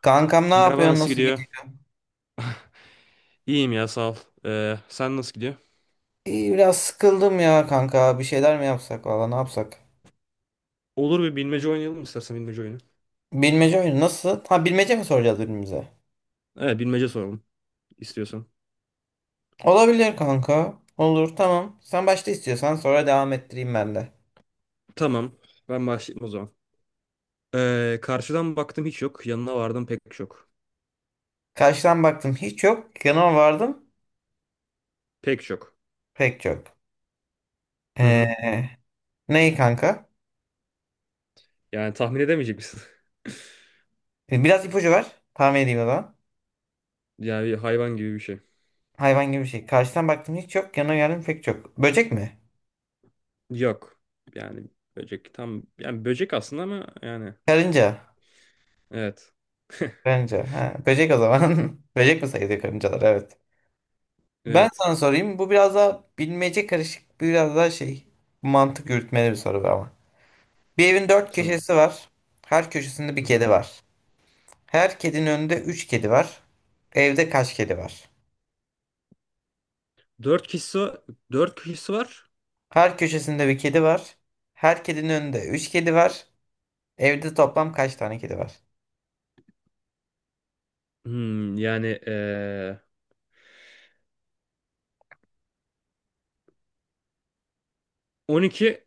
Kankam ne Merhaba, yapıyorsun? nasıl Nasıl gidiyor? gidiyor? İyiyim ya, sağ ol. Sen nasıl gidiyor? İyi, biraz sıkıldım ya kanka. Bir şeyler mi yapsak valla ne yapsak? Olur, bir bilmece oynayalım mı istersen, bilmece oyunu. Bilmece oyunu nasıl? Ha bilmece mi soracağız birbirimize? Evet, bilmece soralım istiyorsan. Olabilir kanka. Olur tamam. Sen başta istiyorsan sonra devam ettireyim ben de. Tamam, ben başlayayım o zaman. Karşıdan baktım hiç yok. Yanına vardım pek çok. Karşıdan baktım hiç yok. Yanıma vardım Pek çok. pek çok. Hı hı. Ee, Neyi kanka? Yani tahmin edemeyecek misin? Biraz ipucu ver. Tahmin edeyim o zaman. Yani bir hayvan gibi bir şey. Hayvan gibi bir şey. Karşıdan baktım hiç yok. Yanıma geldim pek çok. Böcek mi? Yok. Yani Böcek tam, yani böcek aslında, ama yani Karınca. evet. Karınca. Ha, böcek o zaman. Böcek mi sayılıyor karıncalar? Evet. Ben Evet. sana sorayım. Bu biraz daha bilmece karışık, biraz daha şey mantık yürütmeli bir soru bu ama. Bir evin dört Tamam. köşesi var. Her köşesinde bir Hı hı. kedi var. Her kedinin önünde üç kedi var. Evde kaç kedi var? Dört kişisi, dört kişisi var. Her köşesinde bir kedi var. Her kedinin önünde üç kedi var. Evde toplam kaç tane kedi var? Hmm, yani ee, 12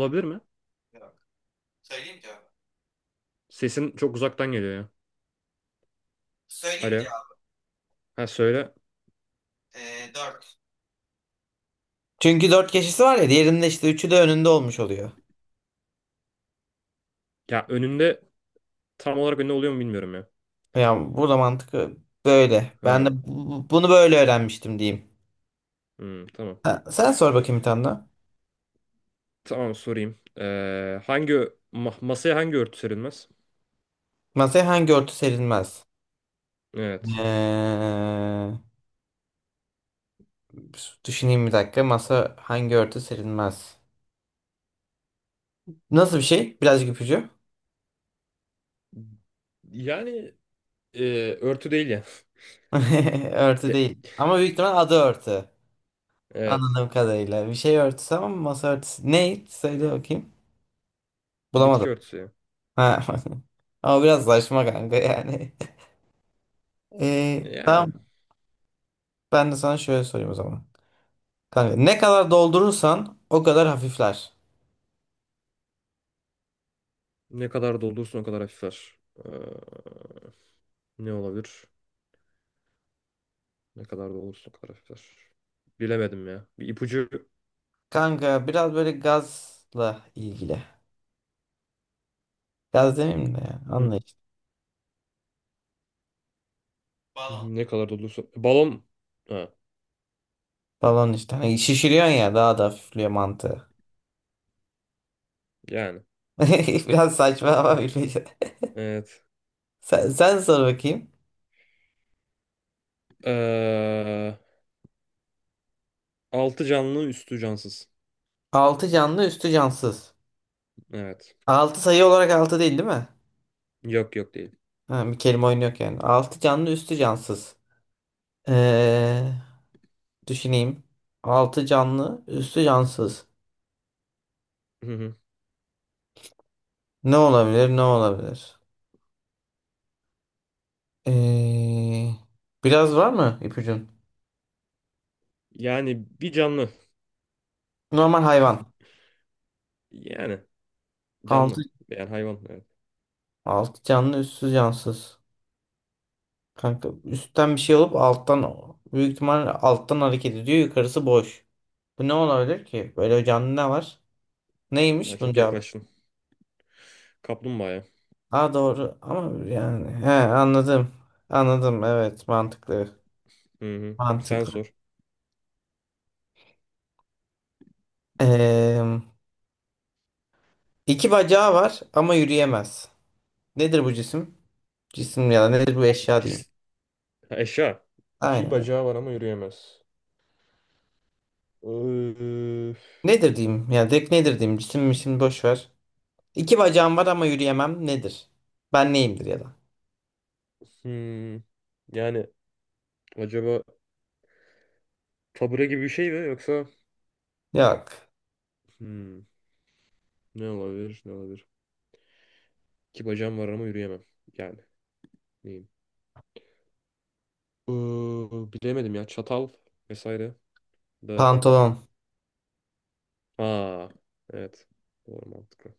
Yok mi? yok. Söyleyeyim cevabı. Sesin çok uzaktan geliyor ya. Söyleyeyim mi Alo. cevabı? Ha, söyle. 4. Çünkü dört köşesi var ya diğerinde işte üçü de önünde olmuş oluyor. Ya önünde, tam olarak önünde oluyor mu bilmiyorum ya. Yani burada mantık böyle. Ben de Ha. Bunu böyle öğrenmiştim diyeyim. Hmm, tamam. Ha, sen sor bakayım bir tane daha. Tamam, sorayım. Hangi masaya hangi örtü serilmez? Masaya hangi örtü serilmez? Evet. Ee, düşüneyim bir dakika. Masa hangi örtü serilmez? Nasıl bir şey? Birazcık ipucu. Yani e, örtü değil ya. Örtü Ge- değil. Ama büyük ihtimal adı örtü. evet. Anladığım kadarıyla. Bir şey örtüsü ama masa örtüsü. Ne? Söyle bakayım. Bitki Bulamadım. örtüsü ya. Ha. Ama biraz saçma kanka yani. Yani tamam. Ben de sana şöyle sorayım o zaman. Kanka ne kadar doldurursan o kadar hafifler. ne kadar doldurursun o kadar hafifler. Ee, Ne olabilir? Ne kadar doldurursun o kadar hafifler. Bilemedim ya. Bir ipucu. Kanka biraz böyle gazla ilgili. Gaz demeyeyim de ya. Hı, Anla işte. Balon. ne kadar doldurursun. Balon. Ha, Balon işte. Hani şişiriyorsun ya daha da hafifliyor mantığı. yani. Biraz saçma ama bilmiyorum. Evet. Sen sor bakayım. Ee, Altı canlı üstü cansız. Altı canlı üstü cansız. Evet. Altı sayı olarak altı değil değil mi? Yok yok, değil. Ha, bir kelime oyunu yok yani. Altı canlı üstü cansız. Ee, düşüneyim. Altı canlı üstü cansız. Hı hı. Ne olabilir ne olabilir? Ee, biraz var mı ipucun? Yani bir canlı. Normal hayvan. Yani Altı, canlı. Yani hayvan. Evet. altı canlı üstü cansız. Kanka üstten bir şey alıp alttan büyük ihtimal alttan hareket ediyor. Yukarısı boş. Bu ne olabilir ki? Böyle canlı ne var? Yani Neymiş bunun çok cevabı? yaklaştın. Kaplumbağaya. Aa doğru ama yani he anladım. Anladım evet mantıklı. Hı hı. Sen Mantıklı. sor. Ee, iki bacağı var ama yürüyemez. Nedir bu cisim? Cisim ya da nedir bu eşya diyeyim. Cis. Ha, eşya. İki Aynen. bacağı var ama yürüyemez. Ee, Nedir diyeyim? Ya direkt nedir diyeyim? Cisim mi şimdi boş ver. İki bacağım var ama yürüyemem. Nedir? Ben neyimdir ya da? hmm. Yani acaba tabure gibi bir şey mi, yoksa Yok. hmm. Ne olabilir? Ne olabilir? İki bacağım var ama yürüyemem. Yani neyim? Ee, Bilemedim ya. Çatal vesaire de. Pantolon. Aa, evet. Doğru, mantıklı.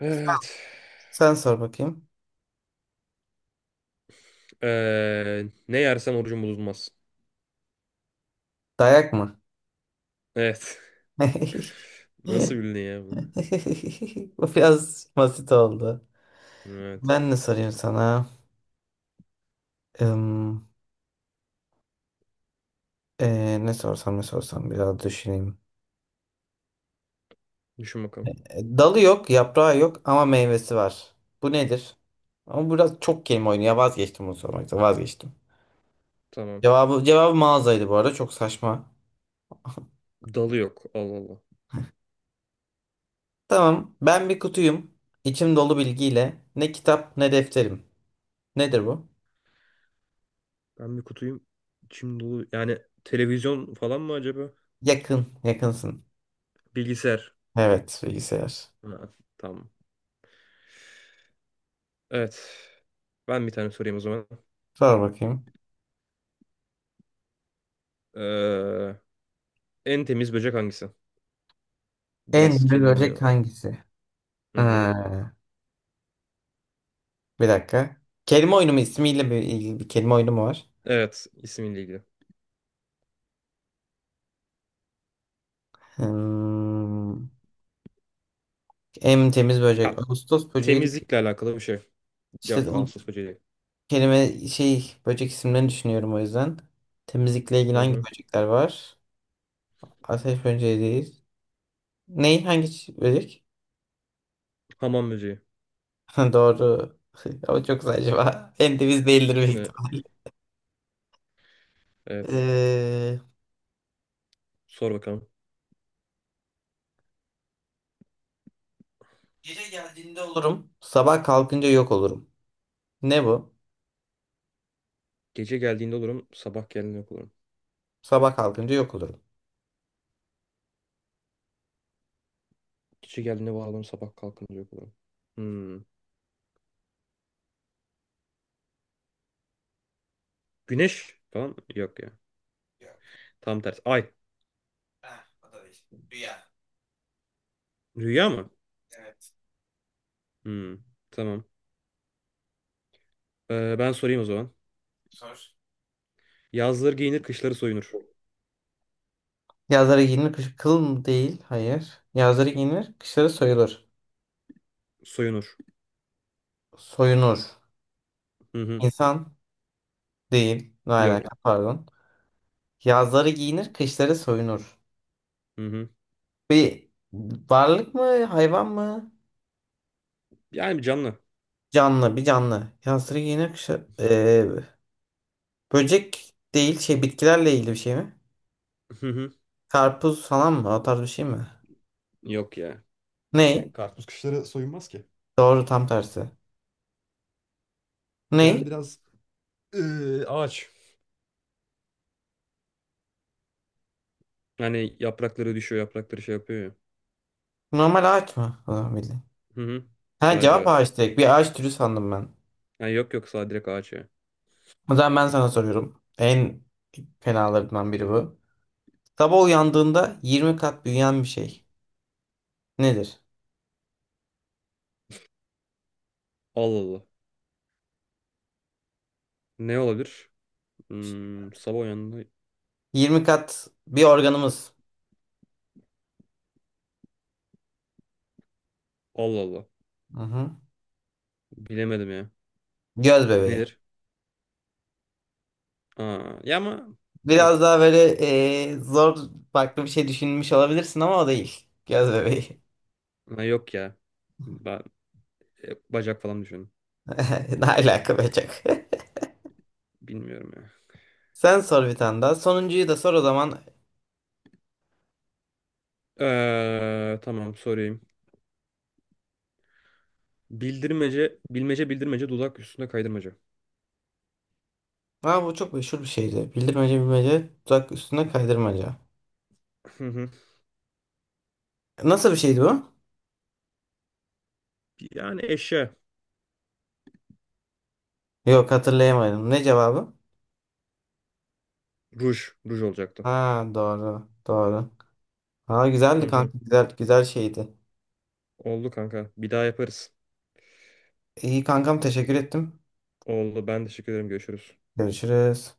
Evet. Sen sor bakayım. Ne yersen orucun bozulmaz. Dayak mı? Evet. Nasıl bildin ya bunu? Bu biraz basit oldu. Evet. Ben ne sorayım sana? Im, ne sorsam ne sorsam biraz düşüneyim. Düşün bakalım. Dalı yok, yaprağı yok ama meyvesi var. Bu nedir? Ama biraz çok kelime oyunu. Ya vazgeçtim bunu sormaktan. Vazgeçtim. Tamam. Cevabı mağazaydı bu arada. Çok saçma. Dalı yok. Allah Allah. Tamam. Ben bir kutuyum. İçim dolu bilgiyle. Ne kitap ne defterim. Nedir bu? Ben bir kutuyum. İçim dolu. Yani televizyon falan mı acaba? Yakın. Yakınsın. Bilgisayar. Evet, bilgisayar. Ha, tamam. Evet. Ben bir tane sorayım o zaman. Sor bakayım. Ee, En temiz böcek hangisi? Biraz En büyük kelime oyunu böcek var. hangisi? Hı Ee, hı. bir dakika. Kelime oyunu mu? İsmiyle bir ilgili bir kelime oyunu mu var? Evet, ismiyle ilgili. Hmm, en temiz böcek. Ya Ağustos böceği. temizlikle alakalı bir şey. İşte Yok. o Ağustos böceği değil. kelime şey böcek isimlerini düşünüyorum o yüzden. Temizlikle ilgili Hı hangi hı. böcekler var? Ateş böceği değil. Ney? Hangi böcek? Hamam böceği. Doğru. Ama çok saçma. En temiz değildir büyük Ne? ihtimalle. Evet. Ee, Sor bakalım. gece geldiğinde olurum. Sabah kalkınca yok olurum. Ne bu? Gece geldiğinde olurum, sabah geldiğinde yok olurum. Sabah kalkınca yok olurum. Gece geldiğinde var olurum, sabah kalkınca yok olurum. Hmm. Güneş falan mı? Yok ya. Yok. Tam tersi. Ay. Ah, o da değil. Rüya. Rüya mı? Evet. Hmm. Tamam. Ben sorayım o zaman. Sor. Yazları giyinir, kışları soyunur. Yazları giyinir, kış kıl mı değil? Hayır. Yazları giyinir, kışları soyulur. Soyunur. Soyunur. Hı hı. İnsan değil. Ne alaka Yok. pardon. Yazları giyinir, kışları soyunur. Hı hı. Bir varlık mı, hayvan mı? Yani canlı. Canlı, bir canlı. Yazları giyinir, kışları... böcek değil, şey bitkilerle ilgili bir şey mi? Hı hı. Karpuz falan mı? O tarz bir şey mi? Yok ya. Yani Ney? karpuz kışları soyunmaz ki. Doğru, tam tersi. Yani Ney? biraz ağaç. Yani yaprakları düşüyor, yaprakları şey yapıyor ya. Normal ağaç mı? O zaman bildim. Hı hı. Ha Sadece cevap ağaç. ağaç direkt. Bir ağaç türü sandım ben. Ha, yok yok, sağ direkt ağaç. O zaman ben sana soruyorum. En fenalarından biri bu. Sabah uyandığında 20 kat büyüyen bir şey. Nedir? Allah Allah. Ne olabilir? Hmm, sabah uyandı. 20 kat bir organımız. Allah Allah. Hı-hı. Bilemedim ya. Göz bebeği. Nedir? Aa, ya ama Biraz evet. daha böyle zor farklı bir şey düşünmüş olabilirsin ama o değil. Göz bebeği. Ha, yok ya. Ben bacak falan düşündüm. Ne alaka be çok. Bilmiyorum ya. Sen sor bir tane daha. Sonuncuyu da sor o zaman. Tamam, sorayım. Bildirmece, bilmece bildirmece dudak üstünde kaydırmaca. Ha bu çok meşhur bir şeydi. Bildirmece bilmece, tuzak üstüne kaydırmaca. Hı hı. Nasıl bir şeydi bu? Yani eşya. Yok hatırlayamadım. Ne cevabı? Ruj. Ruj olacaktı. Ha doğru. Doğru. Ha güzeldi Hı hı. kanka. Güzel güzel şeydi. Oldu kanka. Bir daha yaparız. İyi kankam teşekkür ettim. Oldu. Ben teşekkür ederim. Görüşürüz. Görüşürüz.